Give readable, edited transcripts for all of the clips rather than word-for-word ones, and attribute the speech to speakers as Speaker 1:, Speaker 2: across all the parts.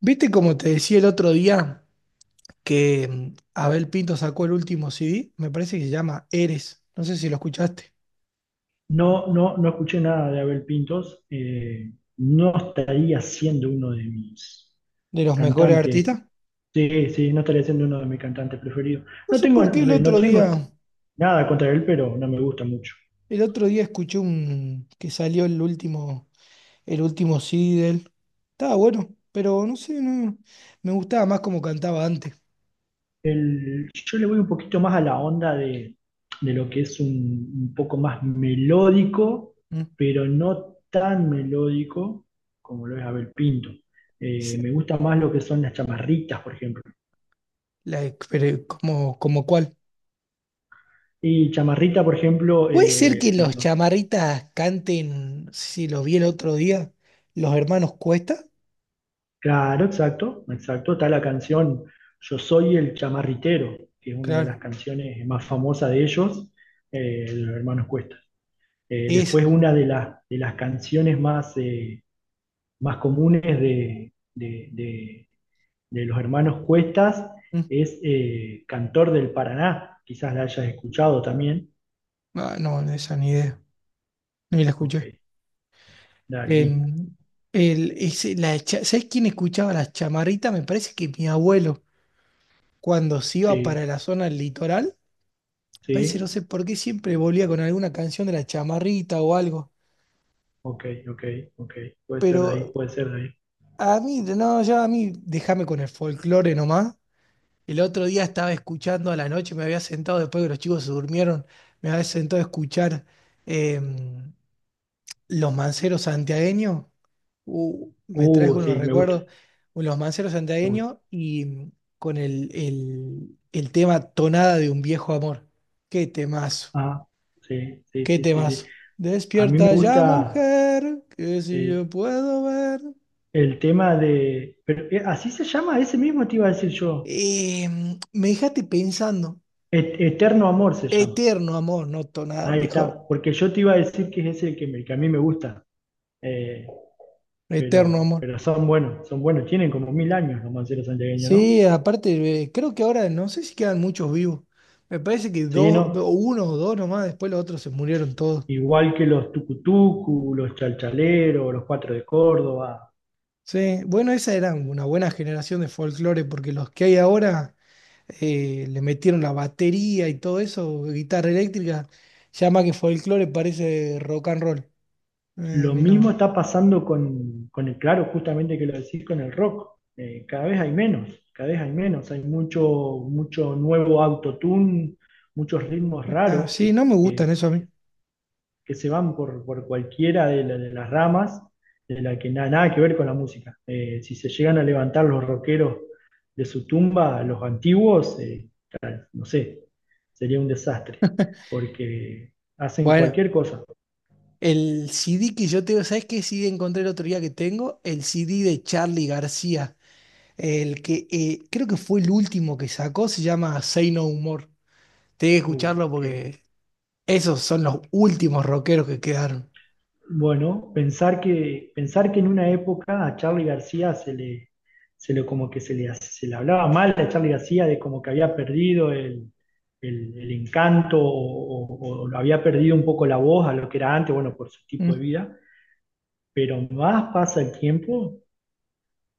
Speaker 1: ¿Viste como te decía el otro día que Abel Pinto sacó el último CD? Me parece que se llama Eres. No sé si lo escuchaste.
Speaker 2: No, no, no escuché nada de Abel Pintos. No estaría siendo uno de mis
Speaker 1: De los mejores
Speaker 2: cantantes.
Speaker 1: artistas.
Speaker 2: Sí, sí, no estaría siendo uno de mis cantantes preferidos.
Speaker 1: No sé por qué
Speaker 2: No tengo nada contra él, pero no me gusta mucho.
Speaker 1: el otro día escuché un que salió el último CD de él. Estaba bueno, pero no sé, no, me gustaba más como cantaba antes.
Speaker 2: Yo le voy un poquito más a la onda de lo que es un poco más melódico,
Speaker 1: ¿Mm?
Speaker 2: pero no tan melódico como lo es Abel Pinto.
Speaker 1: Se-
Speaker 2: Me gusta más lo que son las chamarritas, por ejemplo.
Speaker 1: Pero como, como cuál.
Speaker 2: Y Chamarrita, por ejemplo,
Speaker 1: ¿Puede ser que los chamarritas canten, si lo vi el otro día, los hermanos Cuesta?
Speaker 2: claro, exacto, exacto. Está la canción Yo soy el chamarritero, que es una de las
Speaker 1: Claro.
Speaker 2: canciones más famosas de ellos, de los hermanos Cuesta. Después
Speaker 1: Esa.
Speaker 2: una de las canciones más, más comunes de los hermanos Cuestas
Speaker 1: mm,
Speaker 2: es Cantor del Paraná. Quizás la hayas escuchado también.
Speaker 1: ah, no, esa ni idea. Ni la
Speaker 2: Ok,
Speaker 1: escuché.
Speaker 2: dale,
Speaker 1: En, el, ese- la cha- ¿Sabés quién escuchaba las chamarritas? Me parece que mi abuelo, cuando se iba para
Speaker 2: sí,
Speaker 1: la zona del litoral, parece, no
Speaker 2: sí,
Speaker 1: sé por qué, siempre volvía con alguna canción de la chamarrita o algo.
Speaker 2: ok, ok, ok. Puede ser de ahí,
Speaker 1: Pero
Speaker 2: puede ser de ahí.
Speaker 1: a mí, no, ya a mí, déjame con el folclore nomás. El otro día estaba escuchando a la noche, me había sentado después que los chicos se durmieron, me había sentado a escuchar em, Los Manceros Santiagueños. Me traes unos
Speaker 2: Sí, me gusta,
Speaker 1: recuerdos, los manceros
Speaker 2: me gusta.
Speaker 1: santiagueños y con el tema Tonada de un viejo amor. Qué temazo,
Speaker 2: Ah, sí, sí,
Speaker 1: qué
Speaker 2: sí, sí, sí.
Speaker 1: temazo.
Speaker 2: A mí me
Speaker 1: Despierta ya,
Speaker 2: gusta,
Speaker 1: mujer, que si
Speaker 2: sí,
Speaker 1: yo puedo ver.
Speaker 2: el tema de, pero, ¿así se llama? Ese mismo te iba a decir yo.
Speaker 1: Me dejaste pensando,
Speaker 2: Eterno Amor se llama.
Speaker 1: eterno amor, no Tonada de un
Speaker 2: Ahí
Speaker 1: viejo amor,
Speaker 2: está, porque yo te iba a decir que es ese el que, que a mí me gusta. Eh,
Speaker 1: eterno
Speaker 2: pero,
Speaker 1: amor.
Speaker 2: pero son buenos, son buenos. Tienen como mil años los manceros santiagueños, ¿no?
Speaker 1: Sí, aparte, creo que ahora no sé si quedan muchos vivos. Me parece que
Speaker 2: Sí,
Speaker 1: dos, o
Speaker 2: ¿no?
Speaker 1: uno o dos nomás, después los otros se murieron todos.
Speaker 2: Igual que los tucutucu, los chalchaleros, los cuatro de Córdoba.
Speaker 1: Sí, bueno, esa era una buena generación de folclore, porque los que hay ahora le metieron la batería y todo eso, guitarra eléctrica, ya más que folclore parece rock and roll. A
Speaker 2: Lo
Speaker 1: mí
Speaker 2: mismo
Speaker 1: no.
Speaker 2: está pasando claro, justamente que lo decís con el rock. Cada vez hay menos, cada vez hay menos. Hay mucho, mucho nuevo autotune, muchos ritmos
Speaker 1: Ah,
Speaker 2: raros
Speaker 1: sí, no me gustan eso a mí.
Speaker 2: que se van por cualquiera de las ramas, de la que nada, nada que ver con la música. Si se llegan a levantar los rockeros de su tumba, los antiguos, no sé, sería un desastre, porque hacen
Speaker 1: Bueno,
Speaker 2: cualquier cosa.
Speaker 1: el CD que yo tengo, ¿sabes qué CD encontré el otro día que tengo? El CD de Charly García, el que creo que fue el último que sacó, se llama Say No More. Tengo que
Speaker 2: Uh,
Speaker 1: escucharlo
Speaker 2: qué-
Speaker 1: porque esos son los últimos rockeros que quedaron.
Speaker 2: Bueno, pensar que en una época a Charly García se le como que se le hablaba mal a Charly García de como que había perdido el encanto o había perdido un poco la voz a lo que era antes, bueno, por su tipo de vida, pero más pasa el tiempo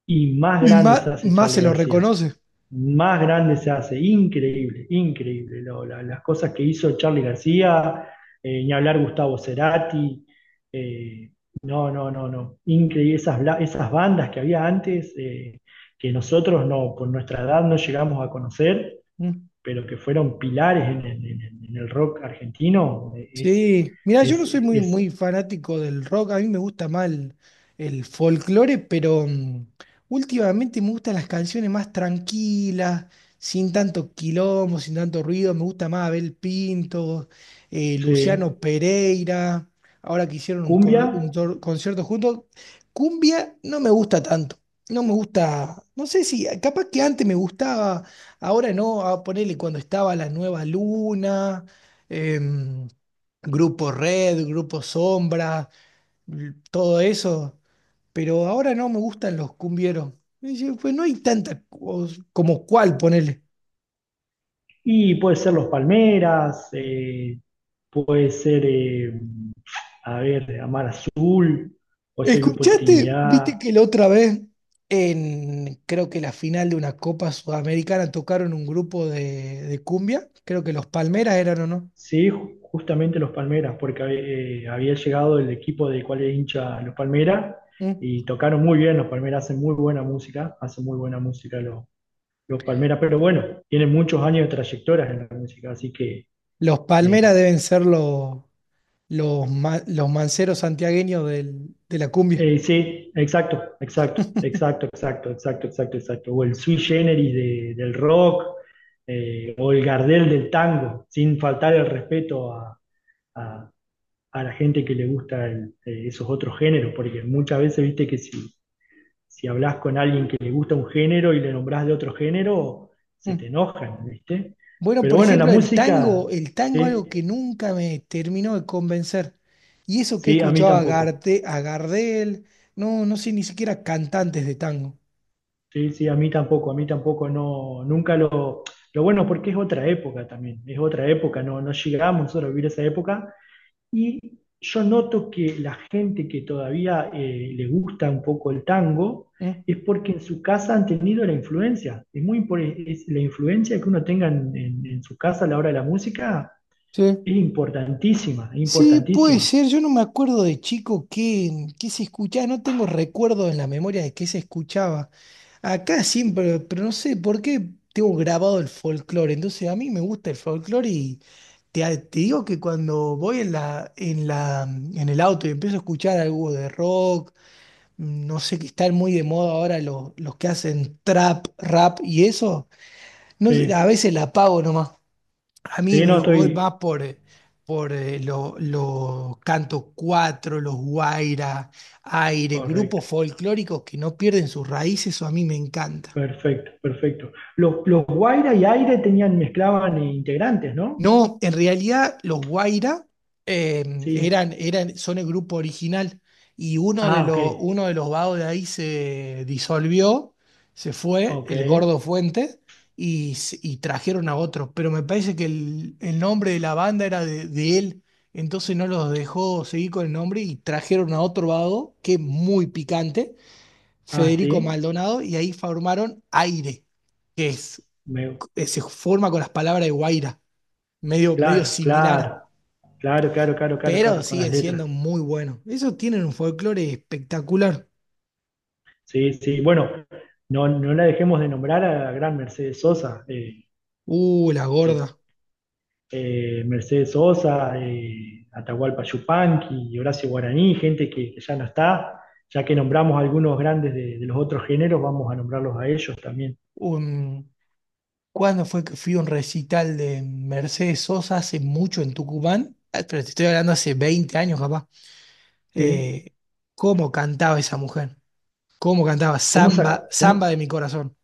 Speaker 2: y más
Speaker 1: Y
Speaker 2: grande se
Speaker 1: más,
Speaker 2: hace
Speaker 1: más
Speaker 2: Charly
Speaker 1: se lo
Speaker 2: García,
Speaker 1: reconoce.
Speaker 2: más grande se hace, increíble, increíble. Las cosas que hizo Charly García, ni hablar Gustavo Cerati, eh, no, no, no, no, increíble. Esas bandas que había antes, que nosotros no, por nuestra edad no llegamos a conocer,
Speaker 1: Mm.
Speaker 2: pero que fueron pilares en el rock argentino,
Speaker 1: Sí, mira, yo
Speaker 2: es,
Speaker 1: no soy muy,
Speaker 2: es,
Speaker 1: muy fanático del rock, a mí me gusta más el folclore, pero últimamente me gustan las canciones más tranquilas, sin tanto quilombo, sin tanto ruido, me gusta más Abel Pinto,
Speaker 2: sí,
Speaker 1: Luciano Pereira, ahora que hicieron un,
Speaker 2: cumbia.
Speaker 1: concierto juntos, cumbia no me gusta tanto, no me gusta, no sé si, capaz que antes me gustaba, ahora no, a ponerle cuando estaba la nueva luna. em, Grupo Red, Grupo Sombra, todo eso. Pero ahora no me gustan los cumbieros. Y yo, pues no hay tanta como cuál, ponele.
Speaker 2: Y puede ser Los Palmeras, puede ser, a ver, Amar Azul, puede ser el Grupo
Speaker 1: ¿Escuchaste? ¿Viste
Speaker 2: Trinidad,
Speaker 1: que la otra vez, en creo que la final de una Copa Sudamericana, tocaron un grupo de cumbia? Creo que los Palmeras eran o no.
Speaker 2: sí, justamente los Palmeras, porque había llegado el equipo del cual es hincha los Palmeras
Speaker 1: ¿Mm?
Speaker 2: y tocaron muy bien, los Palmeras hacen muy buena música, hacen muy buena música los Palmeras, pero bueno, tienen muchos años de trayectoria en la música, así que...
Speaker 1: Los Palmeras
Speaker 2: eh,
Speaker 1: deben ser los, los manceros santiagueños de la cumbia.
Speaker 2: Sí, exacto, exacto, exacto, exacto, exacto, exacto, exacto. O el sui generis del rock, o el Gardel del tango, sin faltar el respeto a- a la gente que le gusta esos otros géneros, porque muchas veces viste que si, hablas con alguien que le gusta un género y le nombrás de otro género, se te
Speaker 1: ¿Mm?
Speaker 2: enojan, ¿viste?
Speaker 1: Bueno,
Speaker 2: Pero
Speaker 1: por
Speaker 2: bueno, en la
Speaker 1: ejemplo,
Speaker 2: música,
Speaker 1: el tango
Speaker 2: sí,
Speaker 1: algo que nunca me terminó de convencer. Y eso que he
Speaker 2: sí, a mí
Speaker 1: escuchado a
Speaker 2: tampoco.
Speaker 1: Gardel, no, no sé ni siquiera cantantes de tango.
Speaker 2: Sí, sí, a mí tampoco, no, nunca lo... Lo bueno porque es otra época también, es otra época, no, no llegamos nosotros a vivir esa época y yo noto que la gente que todavía le gusta un poco el tango
Speaker 1: ¿Mm?
Speaker 2: es porque en su casa han tenido la influencia, es la influencia que uno tenga en su casa a la hora de la música
Speaker 1: Sí.
Speaker 2: es importantísima, es
Speaker 1: Sí, puede
Speaker 2: importantísima.
Speaker 1: ser. Yo no me acuerdo de chico qué, qué se escuchaba. No tengo recuerdo en la memoria de qué se escuchaba. Acá siempre, pero no sé por qué tengo grabado el folclore. Entonces a mí me gusta el folclore y te digo que cuando voy en en el auto y empiezo a escuchar algo de rock, no sé, que están muy de moda ahora los que hacen trap, rap y eso, no, sé, a
Speaker 2: Sí,
Speaker 1: veces la apago nomás. A mí
Speaker 2: sí,
Speaker 1: me
Speaker 2: no
Speaker 1: voy
Speaker 2: estoy
Speaker 1: más por, los cantos cuatro, los guaira, aire,
Speaker 2: correcto.
Speaker 1: grupos folclóricos que no pierden sus raíces, eso a mí me encanta.
Speaker 2: Perfecto, perfecto. Los Guaira y Aire tenían, mezclaban integrantes, ¿no?
Speaker 1: No, en realidad los Guaira eh,
Speaker 2: Sí.
Speaker 1: eran, son el grupo original y
Speaker 2: Ah, ok.
Speaker 1: uno de los vagos de ahí se disolvió, se fue,
Speaker 2: Ok.
Speaker 1: el Gordo Fuente, y trajeron a otro. Pero me parece que el nombre de la banda era de él, entonces no los dejó seguir con el nombre y trajeron a otro vago que es muy picante,
Speaker 2: Ah,
Speaker 1: Federico
Speaker 2: sí.
Speaker 1: Maldonado, y ahí formaron Aire, que es,
Speaker 2: Me-
Speaker 1: que se forma con las palabras de Guaira medio, medio
Speaker 2: claro,
Speaker 1: similar,
Speaker 2: claro. Claro, claro, claro, claro,
Speaker 1: pero
Speaker 2: claro, con las
Speaker 1: siguen
Speaker 2: letras.
Speaker 1: siendo muy buenos. Esos tienen un folclore espectacular.
Speaker 2: Sí, sí. Bueno, no, no la dejemos de nombrar a la gran Mercedes Sosa,
Speaker 1: La
Speaker 2: que
Speaker 1: gorda.
Speaker 2: Mercedes Sosa, Atahualpa Yupanqui, y Horacio Guaraní, gente que ya no está. Ya que nombramos algunos grandes de los otros géneros, vamos a nombrarlos a ellos también.
Speaker 1: Un, ¿cuándo fue que fui a un recital de Mercedes Sosa hace mucho en Tucumán? Ah, pero te estoy hablando hace 20 años, capaz.
Speaker 2: Sí.
Speaker 1: Eh, ¿Cómo cantaba esa mujer? ¿Cómo cantaba?
Speaker 2: ¿Cómo, sa-
Speaker 1: Samba, samba
Speaker 2: cómo-
Speaker 1: de mi corazón.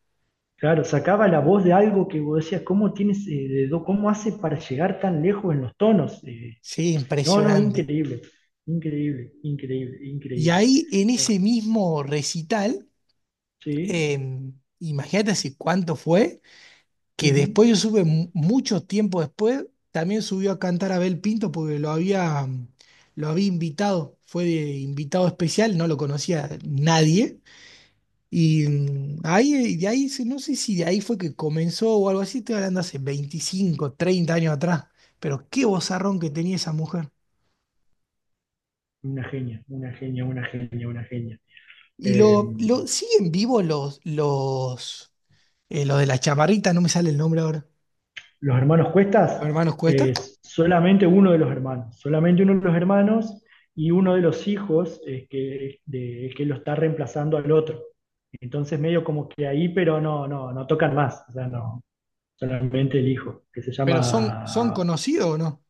Speaker 2: claro, sacaba la voz de algo que vos decías, ¿cómo tienes, cómo hace para llegar tan lejos en los tonos?
Speaker 1: Sí,
Speaker 2: No, no,
Speaker 1: impresionante.
Speaker 2: increíble, increíble, increíble,
Speaker 1: Y
Speaker 2: increíble.
Speaker 1: ahí en
Speaker 2: Eh,
Speaker 1: ese mismo recital,
Speaker 2: sí,
Speaker 1: eh, imagínate hace cuánto fue que
Speaker 2: ujú.
Speaker 1: después yo supe mucho tiempo después, también subió a cantar Abel Pinto porque lo había invitado, fue de invitado especial, no lo conocía nadie. Y ahí, de ahí, no sé si de ahí fue que comenzó o algo así, estoy hablando hace 25 30 años atrás, pero qué vozarrón que tenía esa mujer.
Speaker 2: Una genia, una genia, una genia, una genia.
Speaker 1: Y
Speaker 2: Eh,
Speaker 1: lo siguen vivos los de la chamarrita, no me sale el nombre ahora,
Speaker 2: los hermanos
Speaker 1: los
Speaker 2: Cuestas,
Speaker 1: hermanos Cuesta,
Speaker 2: solamente uno de los hermanos, solamente uno de los hermanos y uno de los hijos que lo está reemplazando al otro. Entonces medio como que ahí, pero no, no, no tocan más, o sea, no, solamente el hijo, que se
Speaker 1: pero son, son
Speaker 2: llama.
Speaker 1: conocidos o no.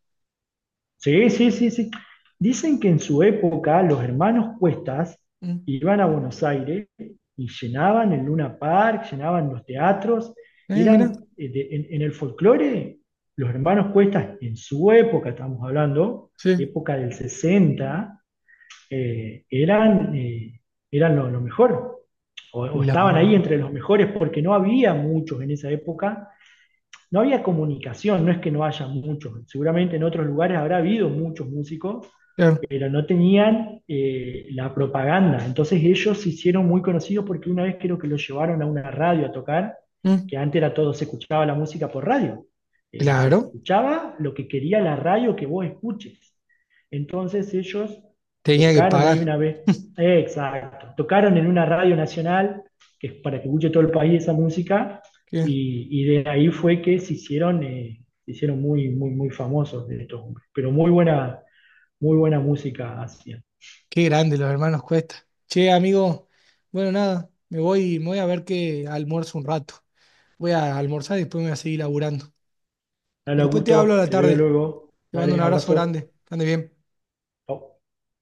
Speaker 2: Sí, sí, sí, sí. Dicen que en su época los hermanos Cuestas
Speaker 1: Mm.
Speaker 2: iban a Buenos Aires y llenaban el Luna Park, llenaban los teatros,
Speaker 1: Mirá.
Speaker 2: eran en, el folclore, los hermanos Cuestas en su época, estamos hablando,
Speaker 1: Sí,
Speaker 2: época del sesenta, eh, eran, eh, eran lo mejor, o
Speaker 1: los
Speaker 2: estaban ahí
Speaker 1: hermanos.
Speaker 2: entre los mejores porque no había muchos en esa época, no había comunicación, no es que no haya muchos, seguramente en otros lugares habrá habido muchos músicos,
Speaker 1: Claro,
Speaker 2: pero no tenían la propaganda. Entonces ellos se hicieron muy conocidos porque una vez creo que los llevaron a una radio a tocar,
Speaker 1: mm,
Speaker 2: que antes era todo, se escuchaba la música por radio. Se
Speaker 1: claro,
Speaker 2: escuchaba lo que quería la radio que vos escuches. Entonces ellos
Speaker 1: tenía que
Speaker 2: tocaron ahí
Speaker 1: pagar.
Speaker 2: una vez, exacto, tocaron en una radio nacional, que es para que escuche todo el país esa música,
Speaker 1: Qué,
Speaker 2: y, de ahí fue que se hicieron muy, muy, muy famosos de estos hombres. Pero muy buena música hacían.
Speaker 1: qué grande los hermanos Cuesta. Che, amigo, bueno, nada, me voy a ver que almuerzo un rato. Voy a almorzar y después me voy a seguir laburando.
Speaker 2: Dale,
Speaker 1: Después te hablo a
Speaker 2: Augusto,
Speaker 1: la
Speaker 2: te veo
Speaker 1: tarde.
Speaker 2: luego.
Speaker 1: Te mando un
Speaker 2: Dale,
Speaker 1: abrazo
Speaker 2: abrazo.
Speaker 1: grande. Que ande bien.
Speaker 2: Chau.